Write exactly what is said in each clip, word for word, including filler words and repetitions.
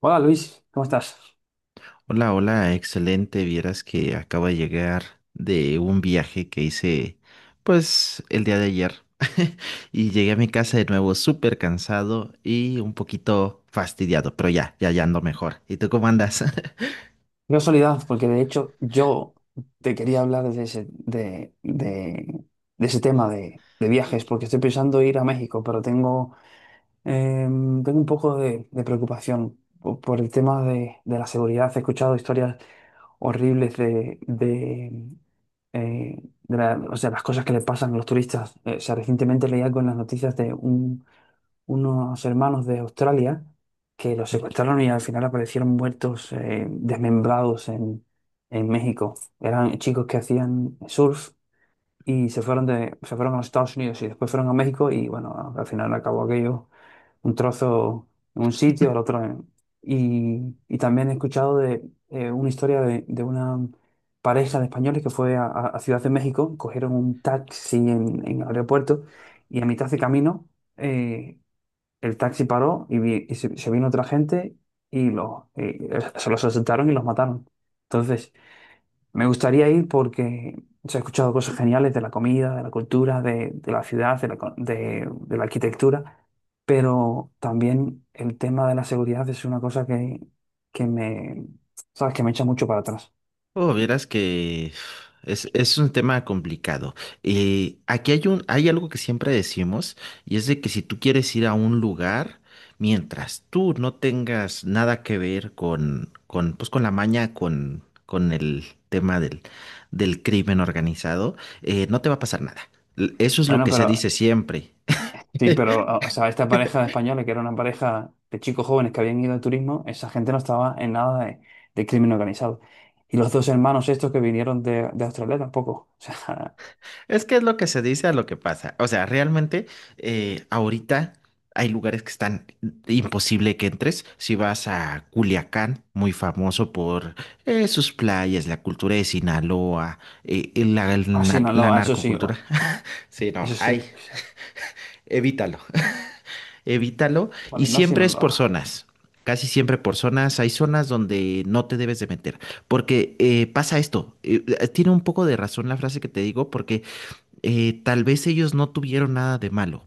Hola Luis, ¿cómo estás? Hola, hola, excelente. Vieras que acabo de llegar de un viaje que hice, pues, el día de ayer. Y llegué a mi casa de nuevo súper cansado y un poquito fastidiado, pero ya, ya, ya ando mejor. ¿Y tú cómo andas? Qué casualidad, porque de hecho yo te quería hablar de ese, de, de- de ese tema de, de viajes, porque estoy pensando ir a México, pero tengo, eh, tengo un poco de, de preocupación po- por el tema de, de la seguridad. He escuchado historias horribles de, de, eh, de la- o sea, las cosas que le pasan a los turistas. Eh, o sea, recientemente leía con las noticias de un unos hermanos de Australia que los secuestraron y al final aparecieron muertos, eh, desmembrados en, en México. Eran chicos que hacían surf y se fueron de, se fueron a los Estados Unidos y después fueron a México y bueno, al final acabó aquello un trozo en un sitio, el otro en... Y, y también he escuchado de eh, una historia de, de una pareja de españoles que fue a, a- a Ciudad de México, cogieron un taxi en, en el aeropuerto y a mitad de camino eh, el taxi paró y, vi- y se, se vino otra gente y, lo, y se los asaltaron y los mataron. Entonces, me gustaría ir porque se ha escuchado cosas geniales de la comida, de la cultura, de, de la ciudad, de la, co- de, de la arquitectura, pero también el tema de la seguridad es una cosa que, que me, ¿sabes? Que me echa mucho para atrás. Oh, vieras que es, es un tema complicado. Eh, aquí hay un, hay algo que siempre decimos, y es de que si tú quieres ir a un lugar, mientras tú no tengas nada que ver con, con, pues, con la maña, con, con el tema del, del crimen organizado, eh, no te va a pasar nada. L- Eso es lo Bueno, que se pero dice siempre. sí, pero, ah, o sea, esta pareja de españoles, que era una pareja de chicos jóvenes que habían ido de turismo, esa gente no estaba en nada de, de crimen organizado. Y los dos hermanos estos que vinieron de, de Australia tampoco. O sea, Es que es lo que se dice a lo que pasa. O sea, realmente eh, ahorita hay lugares que están imposible que entres. Si vas a Culiacán, muy famoso por eh, sus playas, la cultura de Sinaloa, eh, y la, a el na- la Sinaloa, eso sí, narcocultura. hor- Sí, eso no, hay, sí. O sea, evítalo, evítalo. Y vale, no siempre es por Sinaloa. zonas. Casi siempre por zonas, hay zonas donde no te debes de meter, porque eh, pasa esto, eh, eh, tiene un poco de razón la frase que te digo, porque eh, tal vez ellos no tuvieron nada de malo,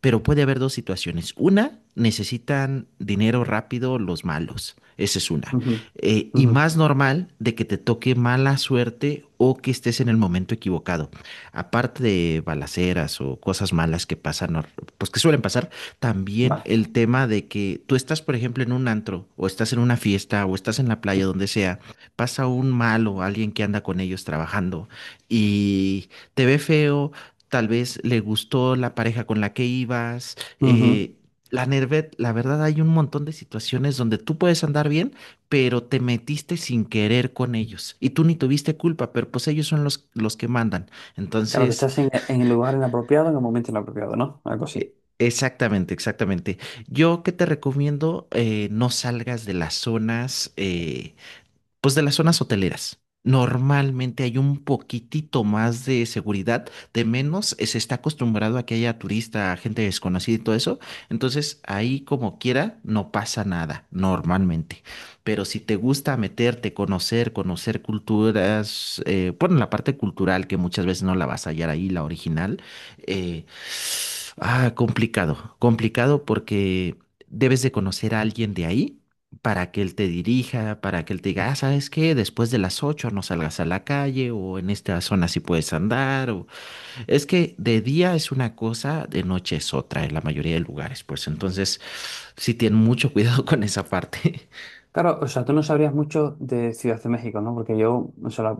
pero puede haber dos situaciones. Una, necesitan dinero rápido los malos. Esa es una. Ujú, Eh, y ujú, más normal de que te toque mala suerte o que estés en el momento equivocado. Aparte de balaceras o cosas malas que pasan, or- pues que suelen pasar, también el vale. tema de que tú estás, por ejemplo, en un antro o estás en una fiesta o estás en la playa, donde sea, pasa un malo, alguien que anda con ellos trabajando y te ve feo. Tal vez le gustó la pareja con la que ibas. Ujú. Eh, la Nervet, la verdad hay un montón de situaciones donde tú puedes andar bien, pero te metiste sin querer con ellos y tú ni tuviste culpa, pero pues ellos son los, los que mandan. Claro, que Entonces, estás en, en el lugar inapropiado, en el momento inapropiado, ¿no? Algo eh, así. exactamente, exactamente. Yo que te recomiendo, eh, no salgas de las zonas. Eh, pues de las zonas hoteleras. Normalmente hay un poquitito más de seguridad, de menos eh, se está acostumbrado a que haya turista, gente desconocida y todo eso. Entonces ahí como quiera no pasa nada, normalmente. Pero si te gusta meterte, conocer, conocer culturas, eh, bueno, la parte cultural que muchas veces no la vas a hallar ahí, la original, eh, ah, complicado, complicado porque debes de conocer a alguien de ahí para que él te dirija, para que él te diga, ah, ¿sabes qué? Después de las ocho no salgas a la calle o en esta zona sí puedes andar. O... Es que de día es una cosa, de noche es otra en la mayoría de lugares, pues entonces sí tienen mucho cuidado con esa parte. Claro, o sea, tú no sabrías mucho de Ciudad de México, ¿no? Porque yo, o sea, la-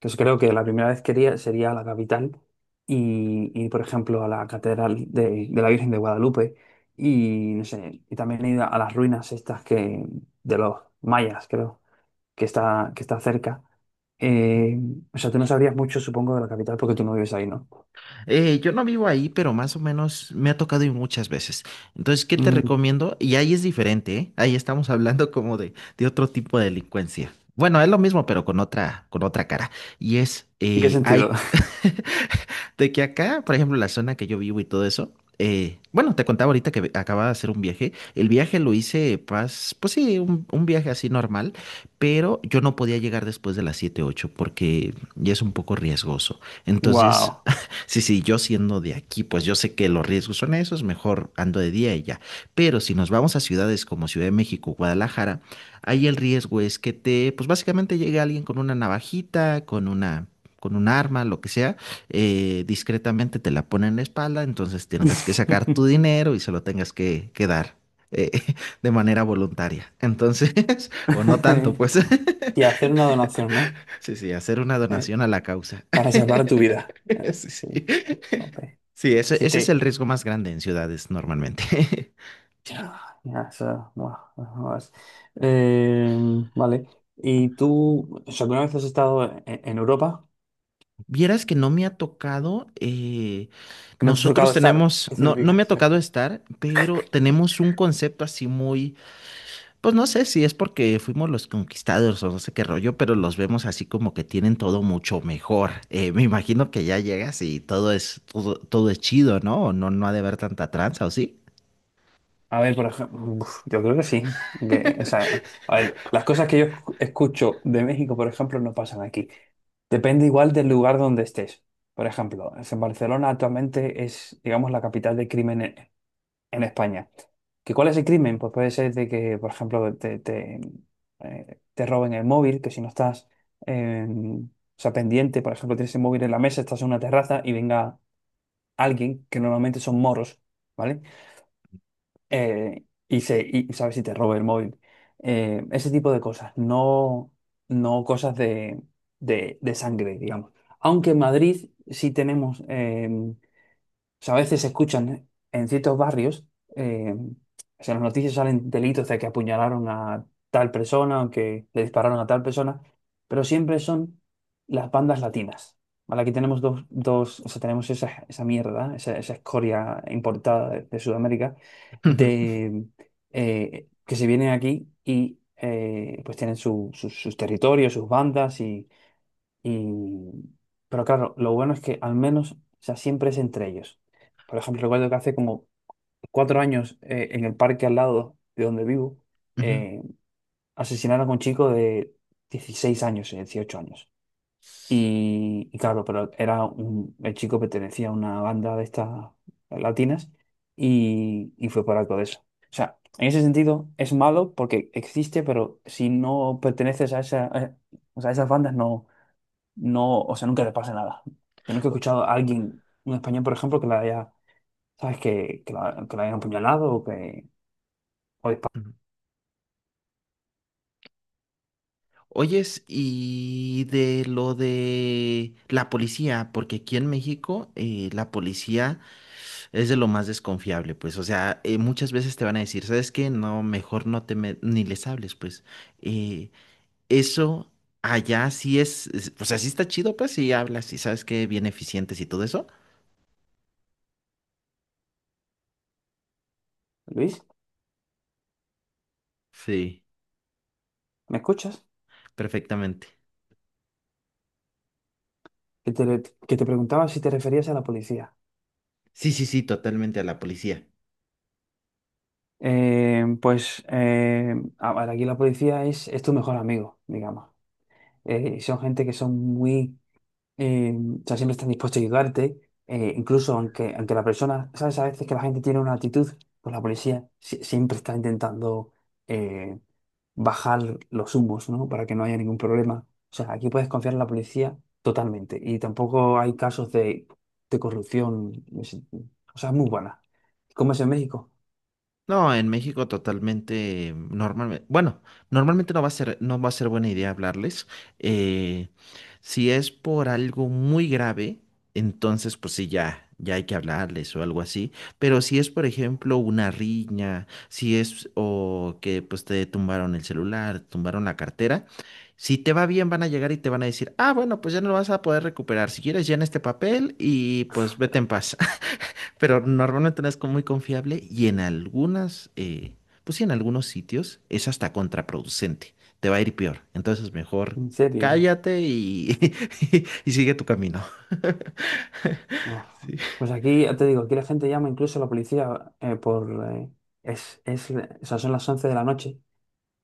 pues creo que la primera vez que iría sería a la capital y, y, por ejemplo, a la Catedral de, de la Virgen de Guadalupe y, no sé, y también he ido a las ruinas estas que, de los mayas, creo, que está, que está cerca. Eh, o sea, tú no sabrías mucho, supongo, de la capital porque tú no vives ahí, ¿no? Eh, yo no vivo ahí, pero más o menos me ha tocado ir muchas veces. Entonces, ¿qué te Mm, recomiendo? Y ahí es diferente, ¿eh? Ahí estamos hablando como de, de otro tipo de delincuencia. Bueno, es lo mismo, pero con otra, con otra cara. Y es, ¿en qué eh, sentido? hay, de que acá, por ejemplo, la zona que yo vivo y todo eso, eh, bueno, te contaba ahorita que acababa de hacer un viaje. El viaje lo hice, pas- pues, sí, un, un viaje así normal, pero yo no podía llegar después de las siete ocho porque ya es un poco riesgoso. Entonces, Wow. sí, sí, yo siendo de aquí, pues yo sé que los riesgos son esos, mejor ando de día y ya. Pero si nos vamos a ciudades como Ciudad de México, Guadalajara, ahí el riesgo es que te, pues básicamente llegue alguien con una navajita, con una, con un arma, lo que sea, eh, discretamente te la pone en la espalda, entonces tengas que sacar tu dinero y se lo tengas que, que dar. eh, de manera voluntaria. Entonces, o no tanto, pues. Y hacer una donación, ¿no? Sí, sí, hacer una Eh, donación a la causa. para salvar tu vida. Ah, Sí, sí. sí, ok. Sí, ese, Si ese es el te... riesgo más grande en ciudades normalmente. Ya, ya, eso, bueno, bueno, es- eh, vale. ¿Y tú, o sea, alguna vez has estado en, en Europa? Vieras que no me ha tocado, eh, ¿Que no te ha tocado nosotros estar? tenemos, ¿Qué no, no significa me ha eso? tocado estar, pero tenemos un concepto así muy, pues no sé si es porque fuimos los conquistadores o no sé qué rollo, pero los vemos así como que tienen todo mucho mejor. Eh, me imagino que ya llegas y todo es, todo, todo es chido, ¿no? O no, no ha de haber tanta tranza, ¿o sí? A ver, por ejemplo, yo creo que sí. Que, o sea, a ver, las cosas que yo escu- escucho de México, por ejemplo, no pasan aquí. Depende igual del lugar donde estés. Por ejemplo, es en Barcelona actualmente es, digamos, la capital del crimen en España. ¿Que cuál es el crimen? Pues puede ser de que, por ejemplo, te, te, eh, te roben el móvil, que si no estás eh, o sea, pendiente, por ejemplo, tienes el móvil en la mesa, estás en una terraza y venga alguien, que normalmente son moros, ¿vale? Eh, y, se, y sabes si te roba el móvil. Eh, ese tipo de cosas, no, no cosas de, de, de sangre, digamos. Aunque en Madrid sí tenemos... eh, o sea, a veces se escuchan en ciertos barrios, eh, o sea, en las noticias salen delitos de que apuñalaron a tal persona o que le dispararon a tal persona, pero siempre son las bandas latinas, ¿vale? Aquí tenemos dos, dos o sea, tenemos esa, esa mierda, esa, esa escoria importada de, de Sudamérica, de, eh, que se vienen aquí y eh, pues tienen su- sus sus territorios, sus bandas y y, pero claro, lo bueno es que al menos, o sea, siempre es entre ellos. Por ejemplo, recuerdo que hace como cuatro años eh, en el parque al lado de donde vivo, Ujú. eh, asesinaron a un chico de dieciséis años, eh, dieciocho años. Y, y claro, pero era un, el chico pertenecía a una banda de estas latinas y, y fue por algo de eso. O sea, en ese sentido es malo porque existe, pero si no perteneces a esa, a- o sea, a esas bandas no, no, o sea, nunca le pase nada. Yo nunca he escuchado a alguien, un español, por ejemplo, que la haya, ¿sabes? Que, que la, que la hayan apuñalado o que... o disparado. Ujú. Oyes, y de lo de la policía, porque aquí en México eh, la policía es de lo más desconfiable, pues, o sea, eh, muchas veces te van a decir, ¿sabes qué? No, mejor no te me- ni les hables, pues, eh, eso allá sí es, es- o sea, sí está chido, pues, si hablas y sabes que bien eficientes y todo eso. Luis, Sí, ¿me escuchas? perfectamente. Que te, que te preguntaba si te referías a la policía. Sí, sí, sí, totalmente a la policía. Eh, pues, eh, a ver, aquí la policía es, es tu mejor amigo, digamos. Eh, son gente que son muy... eh, o sea, siempre están dispuestos a ayudarte. Eh, incluso aunque, aunque la persona, ¿sabes? A veces que la gente tiene una actitud, pues la policía si- siempre está intentando... eh, bajar los humos, ¿no? Para que no haya ningún problema. O sea, aquí puedes confiar en la policía totalmente. Y tampoco hay casos de, de corrupción. Es- o sea, es muy buena. ¿Cómo es en México? No, en México totalmente normalmente, bueno, normalmente no va a ser, no va a ser buena idea hablarles. Eh, si es por algo muy grave, entonces pues sí ya, ya hay que hablarles o algo así. Pero si es, por ejemplo, una riña, si es o que pues te tumbaron el celular, tumbaron la cartera, si te va bien van a llegar y te van a decir, ah, bueno, pues ya no lo vas a poder recuperar. Si quieres, llena este papel y pues vete en paz, pero normalmente no es como muy confiable y en algunas, eh, pues sí, en algunos sitios es hasta contraproducente, te va a ir peor. Entonces mejor ¿En serio? cállate y, y sigue tu camino. Uf. Sí. Pues aquí, ya te digo, aquí la gente llama incluso a la policía eh, por... eh, es, es, o sea, son las once de la noche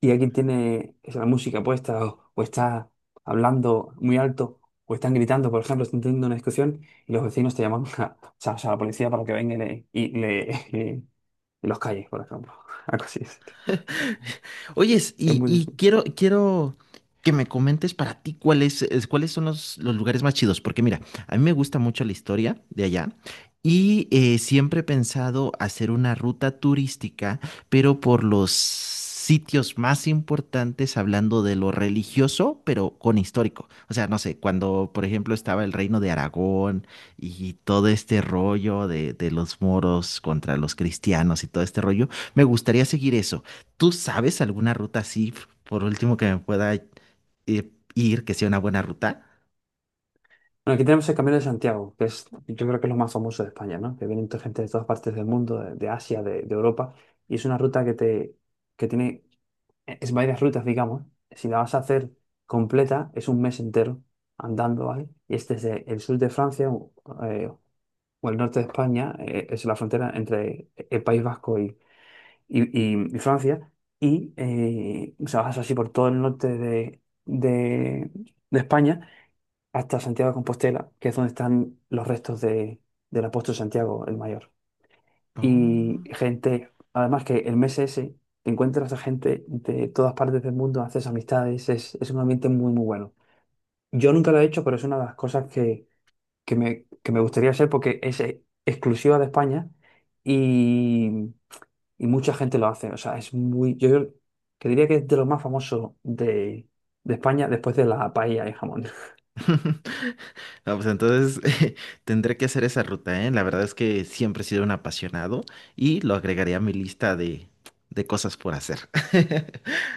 y alguien tiene esa música puesta o, o está hablando muy alto o están gritando, por ejemplo, están teniendo una discusión y los vecinos te llaman a, o sea, o sea, a la policía para que venga y, le, y, le- y- y los calles, por ejemplo. Algo así es. Oyes, Es y, muy y distinto. quiero, quiero que me comentes para ti cuáles, es- cuáles son los, los lugares más chidos, porque mira, a mí me gusta mucho la historia de allá y eh, siempre he pensado hacer una ruta turística, pero por los sitios más importantes, hablando de lo religioso, pero con histórico. O sea, no sé, cuando, por ejemplo, estaba el reino de Aragón y todo este rollo de, de los moros contra los cristianos y todo este rollo, me gustaría seguir eso. ¿Tú sabes alguna ruta así, f- por último, que me pueda eh, ir, que sea una buena ruta? Bueno, aquí tenemos el Camino de Santiago, que es, yo creo que es lo más famoso de España, ¿no? Que vienen gente de todas partes del mundo, de, de Asia, de, de Europa, y es una ruta que te, que tiene e-, es varias rutas, digamos. Si la vas a hacer completa, es un mes entero andando, ¿vale? Y es desde el sur de Francia o, eh, o el norte de España, eh, es la frontera entre el País Vasco y, y- y- y Francia. Y eh, o sea, vas así por todo el norte de, de- de España hasta Santiago de Compostela, que es donde están los restos de, del apóstol Santiago el Mayor. Y Oh. gente, además que el mes ese, te encuentras a gente de todas partes del mundo, haces amistades, es, es un ambiente muy, muy bueno. Yo nunca lo he hecho, pero es una de las cosas que, que me, que me gustaría hacer porque es eh, exclusiva de España y, y mucha gente lo hace. O sea, es muy, yo, yo que diría que es de lo más famoso de, de España después de la paella y jamón. No, pues entonces tendré que hacer esa ruta, ¿eh? La verdad es que siempre he sido un apasionado y lo agregaría a mi lista de, de cosas por hacer.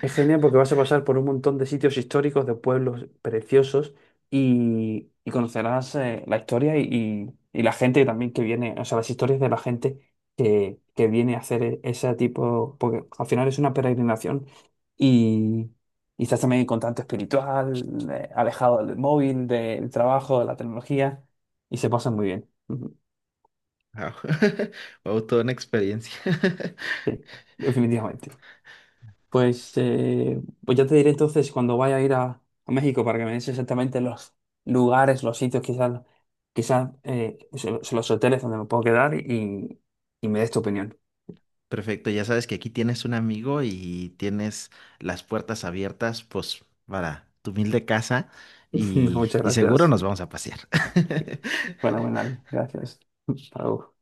Es genial porque vas a pasar por un montón de sitios históricos, de pueblos preciosos y, y conocerás eh, la historia y, y- y la gente también que viene, o sea, las historias de la gente que, que viene a hacer e- ese tipo, porque al final es una peregrinación y, y estás también en contacto espiritual, eh, alejado del móvil, del trabajo, de la tecnología y se pasa muy bien. Ujú, Wow. Wow, toda una experiencia. sí, definitivamente. Pues, eh, pues ya te diré entonces cuando vaya a ir a, a México para que me des exactamente los lugares, los sitios, quizás quizás eh, so- so- los hoteles donde me puedo quedar y, y me des tu opinión. Perfecto, ya sabes que aquí tienes un amigo y tienes las puertas abiertas, pues, para tu humilde casa y, Muchas y seguro gracias. nos vamos a pasear. Fenomenal. Gracias. Hasta luego.